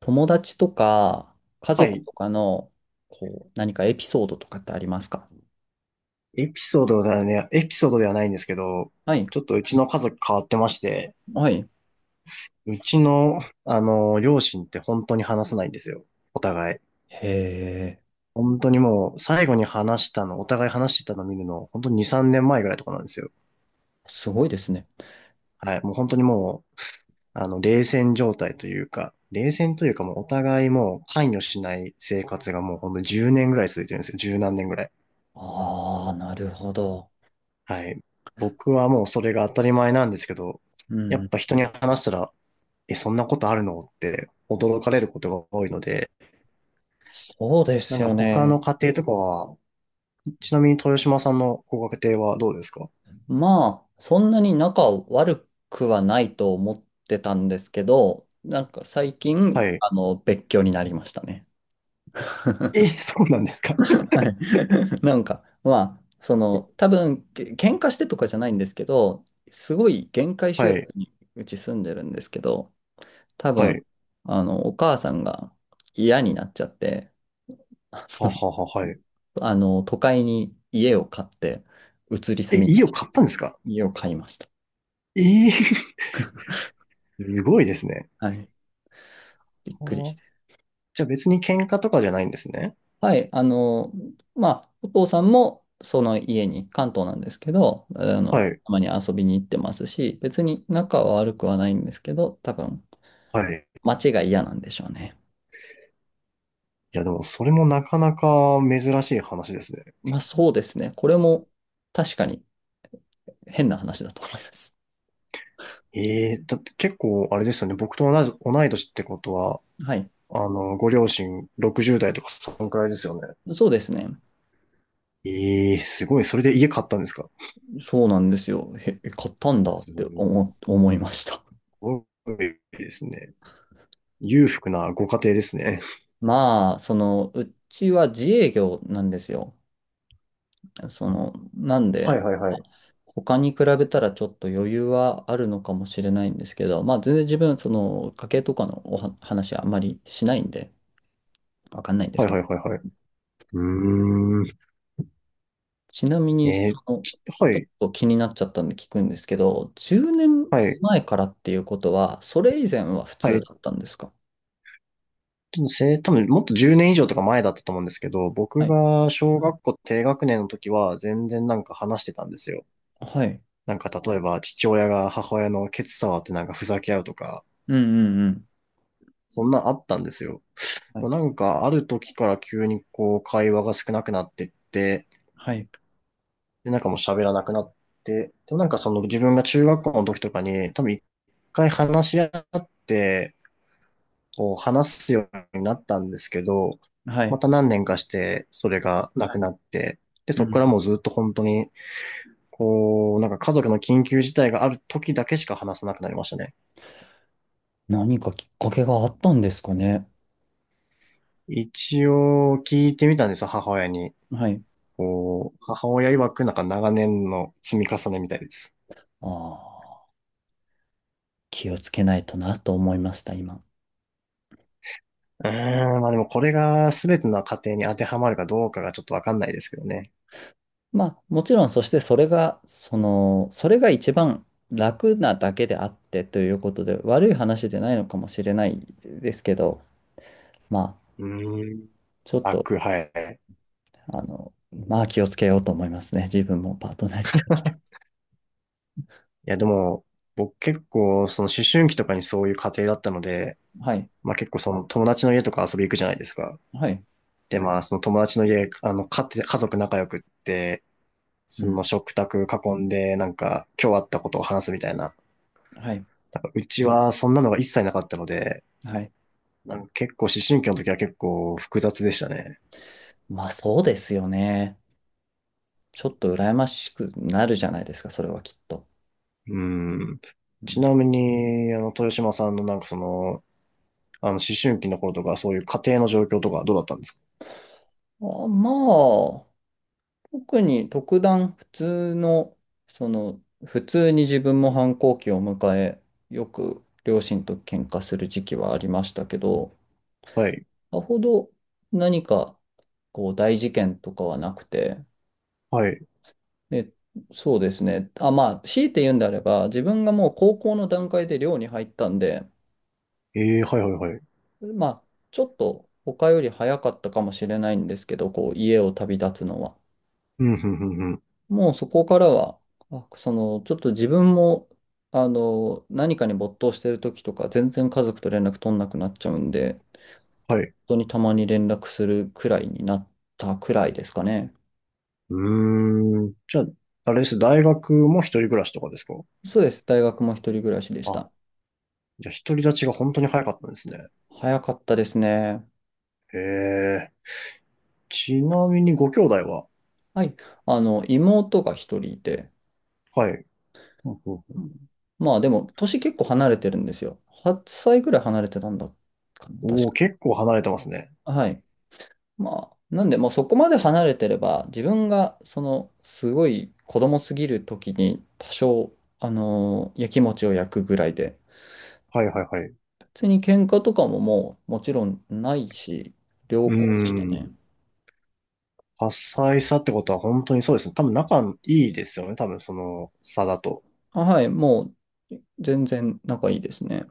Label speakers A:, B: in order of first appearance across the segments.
A: 友達とか家
B: は
A: 族
B: い。
A: とかのこう何かエピソードとかってありますか？
B: エピソードではね、エピソードではないんですけど、
A: はい。
B: ちょっとうちの家族変わってまして、
A: はい。
B: うちの、両親って本当に話さないんですよ。お互い。
A: へえ、
B: 本当にもう、最後に話したの、お互い話してたの見るの、本当に2、3年前ぐらいとかなんですよ。
A: すごいですね。
B: はい。もう本当にもう、冷戦状態というか、冷戦というかもうお互いもう関与しない生活がもうほんと10年ぐらい続いてるんですよ。十何年ぐらい。
A: ああ、なるほど。
B: はい。僕はもうそれが当たり前なんですけど、
A: う
B: やっ
A: ん。
B: ぱ人に話したら、え、そんなことあるのって驚かれることが多いので、
A: そうで
B: な
A: す
B: んか
A: よ
B: 他
A: ね。
B: の家庭とかは、ちなみに豊島さんのご家庭はどうですか？
A: まあ、そんなに仲悪くはないと思ってたんですけど、なんか最
B: は
A: 近、
B: い。
A: あの、別居になりましたね。
B: え、そうなんですか？
A: はい。なんか、まあ、その、多分、喧嘩してとかじゃないんですけど、すごい限界集
B: は
A: 落
B: い、
A: にうち住んでるんですけど、多
B: はい、
A: 分、あの、お母さんが嫌になっちゃって、
B: ははは、はい。
A: あの、都会に家を買って、移り
B: え、
A: 住み、
B: 家を買ったんですか？
A: 家を買いました。
B: すごいですね。
A: はい。びっくり
B: は
A: して。
B: あ。じゃあ別に喧嘩とかじゃないんですね。
A: はい。あの、まあ、お父さんも、その家に、関東なんですけど、あの、
B: はい、
A: たまに遊びに行ってますし、別に仲は悪くはないんですけど、多分、
B: はい。
A: 街が嫌なんでしょうね。
B: いやでもそれもなかなか珍しい話ですね。
A: まあそうですね。これも確かに変な話だと思います。
B: ええだって結構あれですよね。僕と同じ、同い年ってことは、
A: はい。
B: ご両親60代とかそんくらいですよね。
A: そうですね。
B: ええすごい。それで家買ったんですか？
A: そうなんですよ。へえ、買ったんだって
B: す
A: 思いました。
B: ごいですね。裕福なご家庭ですね。
A: まあ、その、うちは自営業なんですよ。その、なん
B: は
A: で、
B: いはいは
A: あ
B: い。
A: 他に比べたらちょっと余裕はあるのかもしれないんですけど、まあ全然自分、その、家計とかの話はあまりしないんで、わかんないんで
B: は
A: す
B: い
A: け
B: は
A: ど。
B: いはいはい。うーん。
A: ちなみに、そ
B: えー
A: の、
B: きは
A: ちょっ
B: い、
A: と気になっちゃったんで聞くんですけど、10年
B: はい、
A: 前からっていうことは、それ以前は普
B: は
A: 通
B: い。
A: だったんですか？
B: でも多分もっと10年以上とか前だったと思うんですけど、
A: は
B: 僕
A: い。
B: が小学校低学年の時は全然なんか話してたんですよ。
A: はい。
B: なんか例えば父親が母親のケツ触ってなんかふざけ合うとか、
A: うんうんうん。
B: そんなんあったんですよ。
A: は
B: でも
A: い。
B: なんかある時から急にこう会話が少なくなってって、
A: はい。
B: で、なんかもう喋らなくなって、でもなんかその自分が中学校の時とかに、多分一回話し合って、こう話すようになったんですけど、
A: は
B: ま
A: い。
B: た何年かしてそれがなくなって、で、
A: う
B: そこから
A: ん。
B: もうずっと本当に、こう、なんか家族の緊急事態がある時だけしか話さなくなりましたね。
A: 何かきっかけがあったんですかね。
B: 一応聞いてみたんですよ、母親に。
A: はい。
B: こう、母親曰くなんか長年の積み重ねみたいです。
A: ああ、気をつけないとなと思いました、今。
B: うーん、まあでもこれが全ての家庭に当てはまるかどうかがちょっとわかんないですけどね。
A: まあ、もちろん、そしてそれが、その、それが一番楽なだけであってということで、悪い話でないのかもしれないですけど、まあ、
B: うーん。
A: ちょっと
B: 楽、はい。
A: あの、まあ気をつけようと思いますね。自分もパートナーに対して
B: いやでも、僕結構その思春期とかにそういう家庭だったので、
A: は。い。
B: まあ結構その友達の家とか遊び行くじゃないですか。
A: はい。
B: でまあその友達の家、家庭、家族仲良くって、
A: う
B: そ
A: ん。
B: の食卓囲んでなんか今日あったことを話すみたいな。
A: はい。
B: なんかうちはそんなのが一切なかったので、
A: はい。
B: なんか結構思春期の時は結構複雑でしたね。
A: まあそうですよね。ちょっと羨ましくなるじゃないですか、それはきっと。
B: うん。
A: う
B: ち
A: ん。
B: なみに、豊島さんのなんか思春期の頃とか、そういう家庭の状況とかどうだったんですか？
A: あ、まあ、特に特段普通の、その、普通に自分も反抗期を迎え、よく両親と喧嘩する時期はありましたけど、
B: はい。
A: さほど何かこう大事件とかはなくて、
B: はい。
A: で、そうですね。あ、まあ、強いて言うんであれば、自分がもう高校の段階で寮に入ったんで、
B: ええはいはいはい。
A: まあ、ちょっと他より早かったかもしれないんですけど、こう、家を旅立つのは。
B: うん、うん、うん、うん。
A: もうそこからは、あ、その、ちょっと自分も、あの、何かに没頭してる時とか、全然家族と連絡取んなくなっちゃうんで、
B: はい。
A: 本当にたまに連絡するくらいになったくらいですかね。
B: うーん。じゃあ、あれです。大学も一人暮らしとかですか？
A: そうです。大学も一人暮らしでし
B: あ、
A: た。
B: じゃあ独り立ちが本当に早かったんですね。
A: 早かったですね。
B: へえ。ちなみにご兄弟は？
A: はい。あの、妹が一人いて、
B: はい。ほうほ
A: う
B: う。
A: ん。まあでも、年結構離れてるんですよ。8歳ぐらい離れてたんだかな、
B: ほう
A: 確
B: おお、結構離れてますね。
A: か。はい。まあ、なんで、もうそこまで離れてれば、自分が、その、すごい子供すぎる時に、多少、やきもちを焼くぐらいで、
B: はいはいはい。
A: 別に喧嘩とかももう、もちろんないし、良
B: う
A: 好でした
B: ん。
A: ね。
B: 多彩さってことは本当にそうですね。多分仲いいですよね。多分その差だと。
A: あ、はい、もう、全然仲いいですね。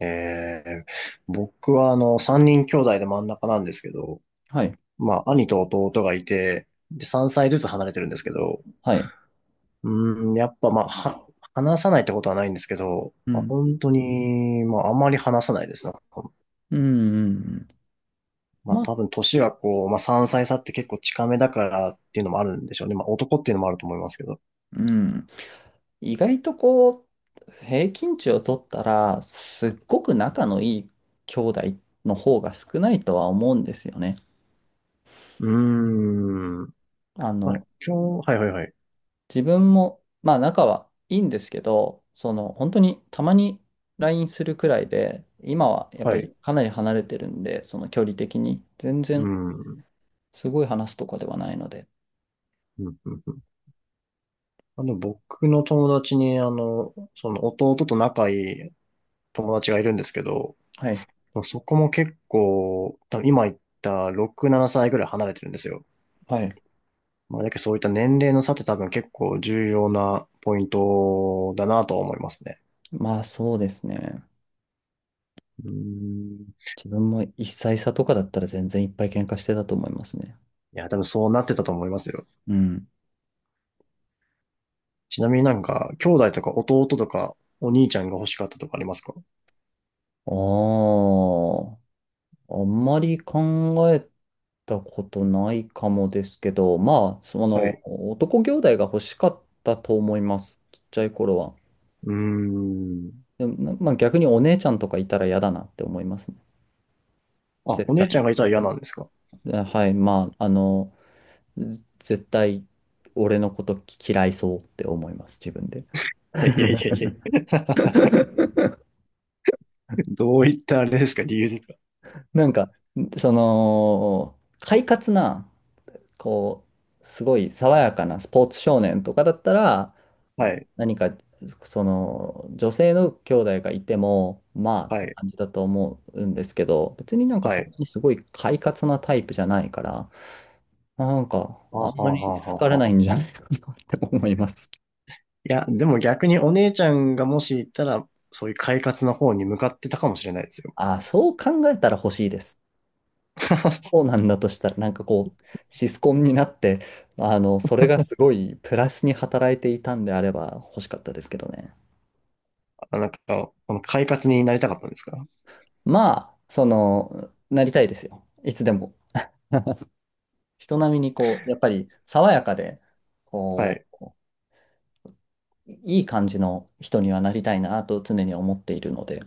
B: えー、僕は三人兄弟で真ん中なんですけど、
A: はい。
B: まあ、兄と弟がいて、で、3歳ずつ離れてるんですけど、
A: はい。
B: うん、やっぱまあ、話さないってことはないんですけど、
A: う
B: まあ、
A: ん。
B: 本当に、まあ、あまり話さないですね。
A: うん、うんうん。
B: まあ、
A: まあ、
B: 多分年がこう、まあ、3歳差って結構近めだからっていうのもあるんでしょうね。まあ、男っていうのもあると思いますけど。
A: うん。意外とこう、平均値を取ったら、すっごく仲のいい兄弟の方が少ないとは思うんですよね。
B: うー
A: あ
B: まあ、
A: の、
B: 今日、はいはいはい。
A: 自分も、まあ仲はいいんですけど、その、本当にたまに LINE するくらいで、今はやっぱ
B: は
A: り
B: い。
A: かなり離れてるんで、その距離的に、全
B: う
A: 然
B: ん。うん
A: すごい話すとかではないので。
B: うんうん。僕の友達に、その弟と仲いい友達がいるんですけど、
A: はい。
B: そこも結構、多分今言った6、7歳ぐらい離れてるんですよ。
A: はい。
B: まあ、だけどそういった年齢の差って多分結構重要なポイントだなとは思いますね。
A: まあそうですね。
B: うん。
A: 自分も一歳差とかだったら全然いっぱい喧嘩してたと思いますね。
B: いや、多分そうなってたと思いますよ。
A: うん。
B: ちなみになんか、兄弟とか弟とかお兄ちゃんが欲しかったとかありますか？
A: ああ、あんまり考えたことないかもですけど、まあ、そ
B: は
A: の、
B: い。
A: 男兄弟が欲しかったと思います。ちっちゃい頃は。
B: うーん。
A: でも、まあ逆にお姉ちゃんとかいたら嫌だなって思いますね。
B: あ、
A: 絶
B: お姉ち
A: 対。
B: ゃんがいたら嫌なんですか？
A: え、はい、まあ、あの、絶対俺のこと嫌いそうって思います、自分で。
B: いやいやいやいや。どういったあれですか？理由ですか？
A: なんか、その、快活な、こう、すごい爽やかなスポーツ少年とかだったら、
B: はい、
A: 何か、その、女性の兄弟がいても、まあっ
B: は
A: て
B: い、
A: 感じだと思うんですけど、別になんか
B: は
A: そん
B: い。
A: なにすごい快活なタイプじゃないから、なんか、
B: あ
A: あ
B: は
A: ん
B: あは
A: ま
B: あ
A: り好
B: は
A: か
B: あ
A: れ
B: はあ。
A: ないんじゃないかなって思います。
B: いや、でも逆にお姉ちゃんがもし行ったら、そういう快活の方に向かってたかもしれないですよ。
A: ああ、そう考えたら欲しいです。そう なんだとしたら、なんかこう、シスコンになって、あの、それがすごいプラスに働いていたんであれば欲しかったですけどね。
B: あなんか、この快活になりたかったんですか？
A: まあ、その、なりたいですよ。いつでも。人並みにこう、やっぱり爽やかで、
B: は
A: こ
B: い。
A: う、いい感じの人にはなりたいなと常に思っているので、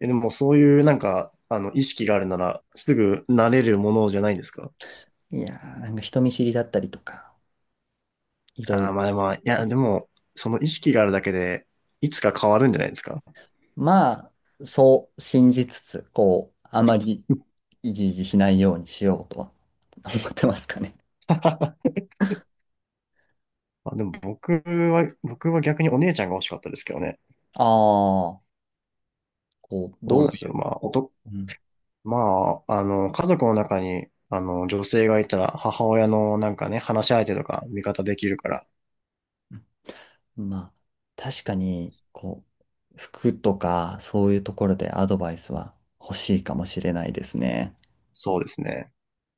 B: え、でもそういうなんか、意識があるなら、すぐ慣れるものじゃないですか？
A: いやー、なんか人見知りだったりとか、いろ
B: あ
A: い
B: あ、ま
A: ろ。
B: あまあ、いや、でも、その意識があるだけで、いつか変わるんじゃないですか？
A: まあ、そう信じつつ、こう、あまりいじいじしないようにしようとは思ってますかね。
B: まあ、でも僕は逆にお姉ちゃんが欲しかったですけどね。
A: ああ、こう、
B: そうな
A: どう
B: んです
A: い
B: よ。
A: う、
B: まあ、
A: う
B: まあ、家族の中に、女性がいたら、母親のなんかね、話し相手とか味方できるから、
A: ん、まあ、確かに、こう、服とか、そういうところでアドバイスは欲しいかもしれないですね。
B: そうですね。